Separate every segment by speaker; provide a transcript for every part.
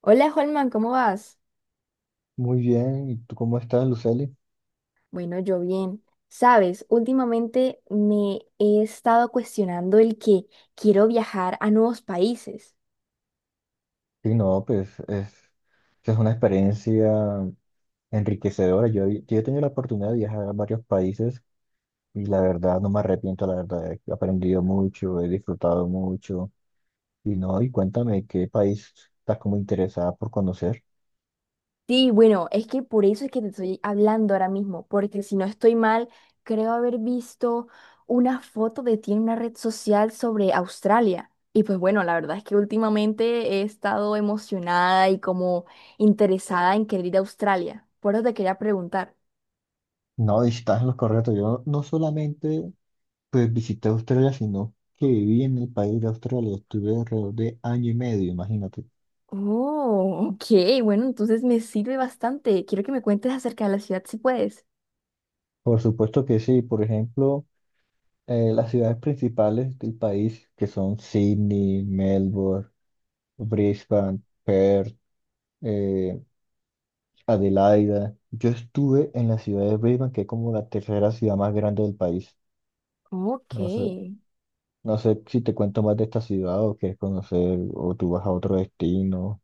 Speaker 1: Hola, Holman, ¿cómo vas?
Speaker 2: Muy bien, ¿y tú cómo estás, Lucely?
Speaker 1: Bueno, yo bien. Sabes, últimamente me he estado cuestionando el que quiero viajar a nuevos países.
Speaker 2: Sí, no, pues es una experiencia enriquecedora. Yo he tenido la oportunidad de viajar a varios países, y la verdad no me arrepiento, la verdad he aprendido mucho, he disfrutado mucho. Y no, y cuéntame qué país estás como interesada por conocer.
Speaker 1: Sí, bueno, es que por eso es que te estoy hablando ahora mismo, porque si no estoy mal, creo haber visto una foto de ti en una red social sobre Australia. Y pues bueno, la verdad es que últimamente he estado emocionada y como interesada en querer ir a Australia. Por eso te quería preguntar.
Speaker 2: No, estás en lo correcto. Yo no solamente pues visité Australia, sino que viví en el país de Australia. Estuve alrededor de año y medio, imagínate.
Speaker 1: Oh, ok, bueno, entonces me sirve bastante. Quiero que me cuentes acerca de la ciudad si puedes.
Speaker 2: Por supuesto que sí. Por ejemplo, las ciudades principales del país, que son Sydney, Melbourne, Brisbane, Perth, eh, Adelaida. Yo estuve en la ciudad de Brisbane, que es como la tercera ciudad más grande del país.
Speaker 1: Ok.
Speaker 2: No sé, no sé si te cuento más de esta ciudad o quieres conocer o tú vas a otro destino.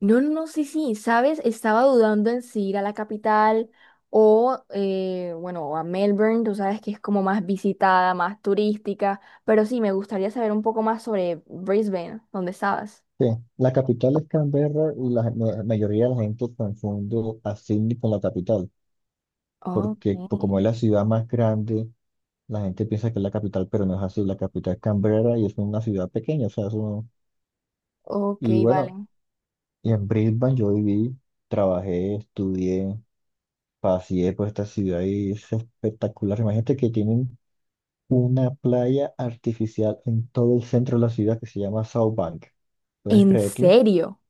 Speaker 1: No, sí, sí, sabes, estaba dudando en si ir a la capital o, bueno, o a Melbourne, tú sabes que es como más visitada, más turística, pero sí, me gustaría saber un poco más sobre Brisbane, donde estabas.
Speaker 2: Sí, la capital es Canberra, y la mayoría de la gente confunde a Sydney con la capital, porque pues, como
Speaker 1: Ok,
Speaker 2: es la ciudad más grande, la gente piensa que es la capital, pero no es así. La capital es Canberra y es una ciudad pequeña, o sea, eso no.
Speaker 1: ok,
Speaker 2: Y
Speaker 1: vale.
Speaker 2: bueno, y en Brisbane yo viví, trabajé, estudié, paseé por esta ciudad y es espectacular. Imagínate que tienen una playa artificial en todo el centro de la ciudad, que se llama South Bank. ¿Puedes
Speaker 1: ¿En
Speaker 2: creerlo?
Speaker 1: serio?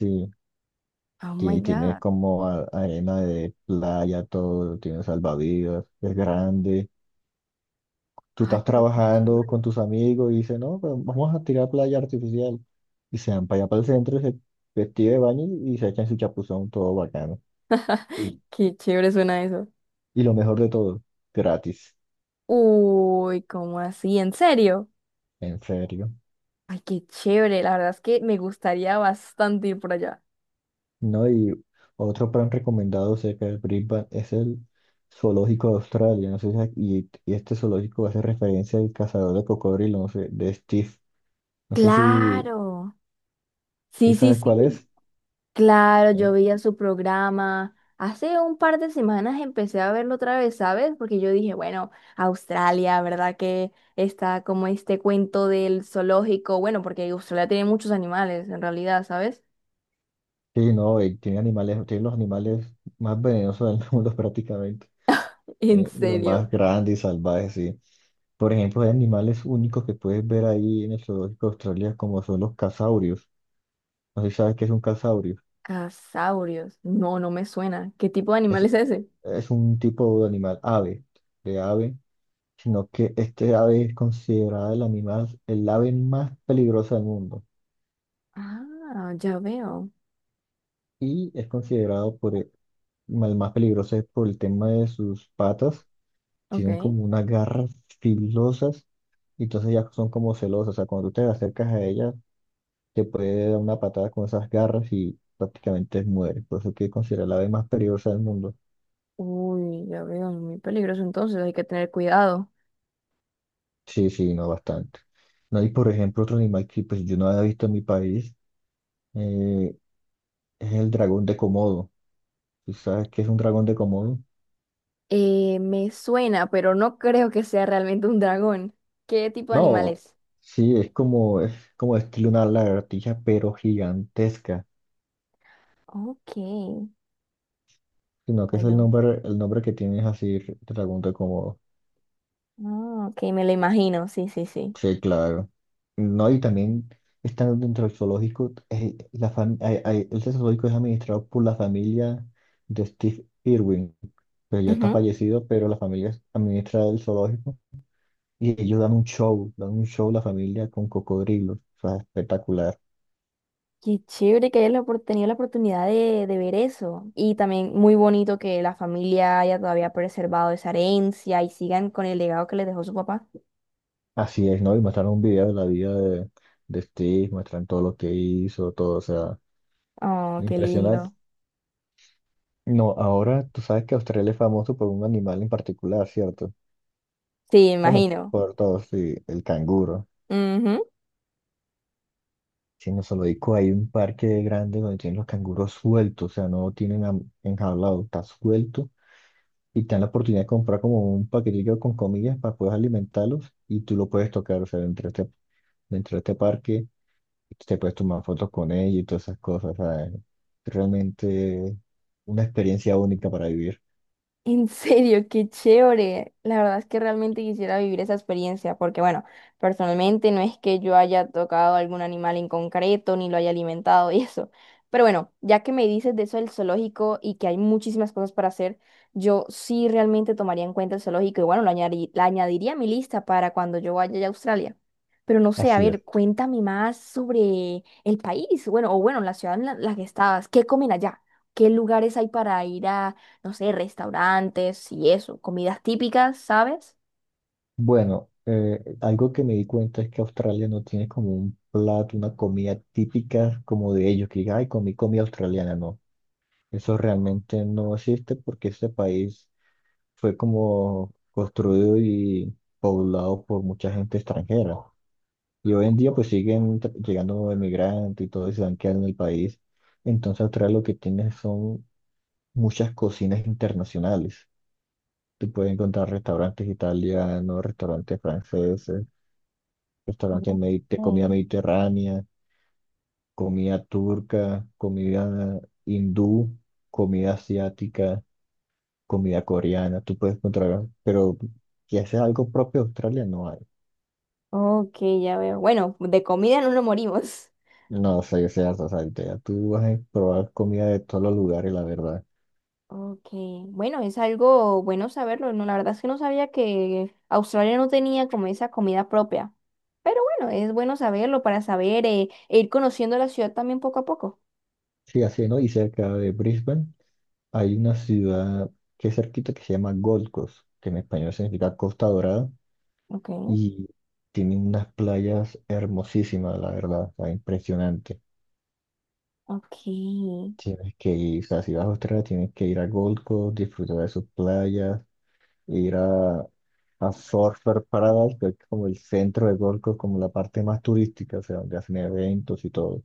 Speaker 2: Sí,
Speaker 1: Oh my
Speaker 2: tiene
Speaker 1: God.
Speaker 2: como arena de playa, todo, tiene salvavidas, es grande. Tú
Speaker 1: Ay,
Speaker 2: estás
Speaker 1: pero qué
Speaker 2: trabajando
Speaker 1: chévere.
Speaker 2: con tus amigos y dices, no, pero vamos a tirar playa artificial. Y se van para allá para el centro, se vestido de baño y se echan su chapuzón todo bacano. Y,
Speaker 1: Qué chévere suena eso.
Speaker 2: y lo mejor de todo, gratis,
Speaker 1: Uy, ¿cómo así? ¿En serio?
Speaker 2: en serio.
Speaker 1: Ay, qué chévere. La verdad es que me gustaría bastante ir por allá.
Speaker 2: No, y otro plan recomendado cerca del Brisbane es el Zoológico de Australia, no sé si, y este zoológico hace referencia al cazador de cocodrilo, no sé, de Steve. No sé si,
Speaker 1: Claro. Sí,
Speaker 2: si
Speaker 1: sí,
Speaker 2: sabes
Speaker 1: sí.
Speaker 2: cuál es.
Speaker 1: Claro, yo veía su programa. Hace un par de semanas empecé a verlo otra vez, ¿sabes? Porque yo dije, bueno, Australia, ¿verdad? Que está como este cuento del zoológico. Bueno, porque Australia tiene muchos animales, en realidad, ¿sabes?
Speaker 2: Sí, no, tiene animales, tiene los animales más venenosos del mundo prácticamente.
Speaker 1: ¿En
Speaker 2: Los
Speaker 1: serio?
Speaker 2: más grandes y salvajes, sí. Por ejemplo, hay animales únicos que puedes ver ahí en el zoológico de Australia, como son los casaurios. No sé si sabes qué es un casaurio.
Speaker 1: Casaurios. No, no me suena. ¿Qué tipo de animal
Speaker 2: Es,
Speaker 1: es ese?
Speaker 2: es un tipo de animal, ave, de ave, sino que este ave es considerada el animal, el ave más peligrosa del mundo.
Speaker 1: Ah, ya veo.
Speaker 2: Y es considerado por el más peligroso es por el tema de sus patas. Tienen
Speaker 1: Ok.
Speaker 2: como unas garras filosas, y entonces ya son como celosas. O sea, cuando tú te acercas a ellas, que puede dar una patada con esas garras y prácticamente muere. Por eso que considera la ave más peligrosa del mundo.
Speaker 1: Uy, ya veo, muy peligroso entonces, hay que tener cuidado.
Speaker 2: Sí, sí, no bastante. No, y por ejemplo, otro animal que pues yo no había visto en mi país eh, es el dragón de Komodo. ¿Tú sabes qué es un dragón de Komodo?
Speaker 1: Me suena, pero no creo que sea realmente un dragón. ¿Qué tipo de animal
Speaker 2: No,
Speaker 1: es?
Speaker 2: sí, es como estilo una lagartija, pero gigantesca.
Speaker 1: Ok,
Speaker 2: Sino que es el
Speaker 1: bueno,
Speaker 2: nombre, el nombre que tiene es así, dragón de Komodo.
Speaker 1: ah, ok, me lo imagino, sí, sí, sí.
Speaker 2: Sí, claro. No, y también están dentro del zoológico, la fam- hay- hay- el zoológico es administrado por la familia de Steve Irwin, que ya está
Speaker 1: Ujú.
Speaker 2: fallecido, pero la familia administra el zoológico y ellos dan un show la familia con cocodrilos, o sea, espectacular.
Speaker 1: Qué chévere que hayas tenido la oportunidad de ver eso. Y también muy bonito que la familia haya todavía preservado esa herencia y sigan con el legado que les dejó su papá.
Speaker 2: Así es, ¿no? Y muestran un video de la vida de Steve, muestran todo lo que hizo, todo, o sea,
Speaker 1: Oh,
Speaker 2: muy
Speaker 1: qué
Speaker 2: impresionante.
Speaker 1: lindo.
Speaker 2: No, ahora tú sabes que Australia es famoso por un animal en particular, ¿cierto?
Speaker 1: Sí,
Speaker 2: Bueno,
Speaker 1: imagino.
Speaker 2: por todos, sí, el canguro.
Speaker 1: Ujú.
Speaker 2: Sí, en zoológico hay un parque grande donde tienen los canguros sueltos, o sea, no lo tienen enjaulado, está suelto, y te dan la oportunidad de comprar como un paquetillo con comillas para poder alimentarlos y tú lo puedes tocar, o sea, dentro de este parque te puedes tomar fotos con ellos y todas esas cosas, o sea, es realmente una experiencia única para vivir.
Speaker 1: En serio, qué chévere. La verdad es que realmente quisiera vivir esa experiencia, porque bueno, personalmente no es que yo haya tocado algún animal en concreto, ni lo haya alimentado y eso. Pero bueno, ya que me dices de eso del zoológico y que hay muchísimas cosas para hacer, yo sí realmente tomaría en cuenta el zoológico y bueno, la añadiría a mi lista para cuando yo vaya a Australia. Pero no sé, a
Speaker 2: Así
Speaker 1: ver,
Speaker 2: es.
Speaker 1: cuéntame más sobre el país, bueno, o bueno, la ciudad en la que estabas, ¿qué comen allá? ¿Qué lugares hay para ir a no sé, restaurantes y eso, comidas típicas, ¿sabes?
Speaker 2: Bueno, algo que me di cuenta es que Australia no tiene como un plato, una comida típica como de ellos, que diga, ay, comí comida australiana, no. Eso realmente no existe porque este país fue como construido y poblado por mucha gente extranjera. Y hoy en día pues siguen llegando emigrantes y todo y se van quedando en el país. Entonces Australia lo que tiene son muchas cocinas internacionales. Tú puedes encontrar restaurantes italianos, restaurantes franceses, restaurantes
Speaker 1: Ok,
Speaker 2: de comida mediterránea, comida turca, comida hindú, comida asiática, comida coreana, tú puedes encontrar, pero que haces algo propio de Australia no hay.
Speaker 1: ok, ya veo. Bueno, de comida no nos morimos.
Speaker 2: No, o sea, yo sé, o sea, ya tú vas a probar comida de todos los lugares, la verdad.
Speaker 1: Ok, bueno, es algo bueno saberlo. No, la verdad es que no sabía que Australia no tenía como esa comida propia. Pero bueno, es bueno saberlo para saber e ir conociendo la ciudad también poco a poco.
Speaker 2: Sí, así, ¿no? Y cerca de Brisbane hay una ciudad que es cerquita, que se llama Gold Coast, que en español significa Costa Dorada,
Speaker 1: Ok,
Speaker 2: y tiene unas playas hermosísimas, la verdad, o sea, impresionante.
Speaker 1: ok.
Speaker 2: Tienes que ir, o sea, si vas a Australia, tienes que ir a Gold Coast, disfrutar de sus playas, ir a Surfer Paradise, que es como el centro de Gold Coast, como la parte más turística, o sea, donde hacen eventos y todo.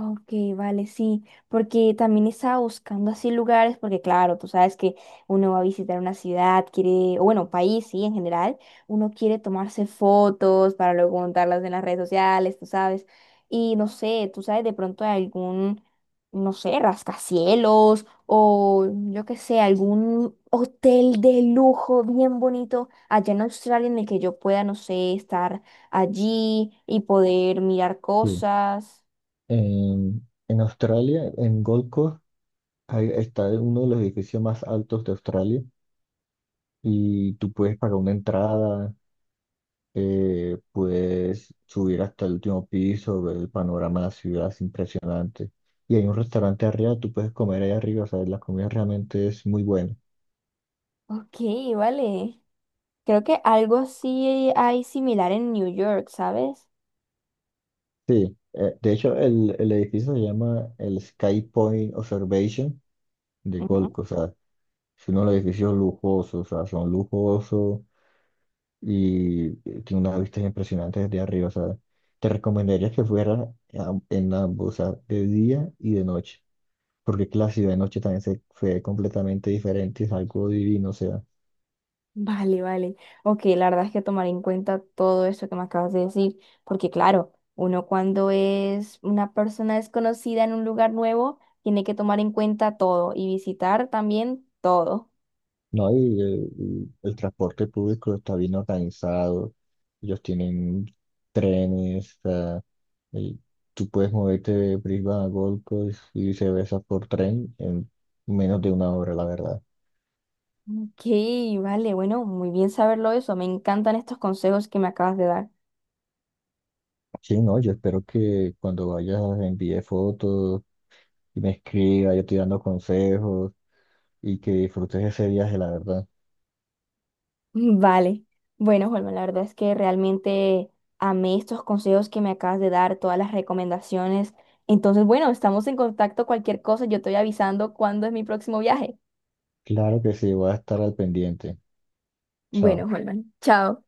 Speaker 1: Ok, vale, sí, porque también estaba buscando así lugares, porque claro, tú sabes que uno va a visitar una ciudad, quiere, o bueno, país, sí, en general, uno quiere tomarse fotos para luego montarlas en las redes sociales, tú sabes, y no sé, tú sabes de pronto de algún, no sé, rascacielos o yo qué sé, algún hotel de lujo bien bonito allá en Australia en el que yo pueda, no sé, estar allí y poder mirar
Speaker 2: Sí.
Speaker 1: cosas.
Speaker 2: En Australia, en Gold Coast, ahí está uno de los edificios más altos de Australia, y tú puedes pagar una entrada, puedes subir hasta el último piso, ver el panorama de la ciudad, es impresionante. Y hay un restaurante arriba, tú puedes comer ahí arriba, o sea, la comida realmente es muy buena.
Speaker 1: Ok, vale. Creo que algo así hay similar en New York, ¿sabes?
Speaker 2: Sí, de hecho el edificio se llama el Sky Point Observation de Gold
Speaker 1: Ujú.
Speaker 2: Coast. O sea, es uno de los edificios lujosos, o sea, son lujosos, y tiene unas vistas impresionantes desde arriba. O sea, te recomendaría que fueras en ambos, o sea, de día y de noche, porque es que la ciudad de noche también se ve completamente diferente, es algo divino, o sea,
Speaker 1: Vale, vale. Ok, la verdad es que tomaré en cuenta todo eso que me acabas de decir, porque claro, uno cuando es una persona desconocida en un lugar nuevo, tiene que tomar en cuenta todo y visitar también todo.
Speaker 2: no, y el transporte público está bien organizado, ellos tienen trenes, y tú puedes moverte de Brisbane a Gold Coast y viceversa por tren en menos de una hora, la verdad.
Speaker 1: Ok, vale, bueno, muy bien saberlo eso. Me encantan estos consejos que me acabas de dar.
Speaker 2: Sí, no, yo espero que cuando vayas envíe fotos y me escriba, yo te dando consejos, y que disfrutes ese viaje, la verdad.
Speaker 1: Vale. Bueno, Holman, la verdad es que realmente amé estos consejos que me acabas de dar, todas las recomendaciones. Entonces, bueno, estamos en contacto. Cualquier cosa, yo estoy avisando cuándo es mi próximo viaje.
Speaker 2: Claro que sí, voy a estar al pendiente.
Speaker 1: Bueno,
Speaker 2: Chao.
Speaker 1: Holman, chao.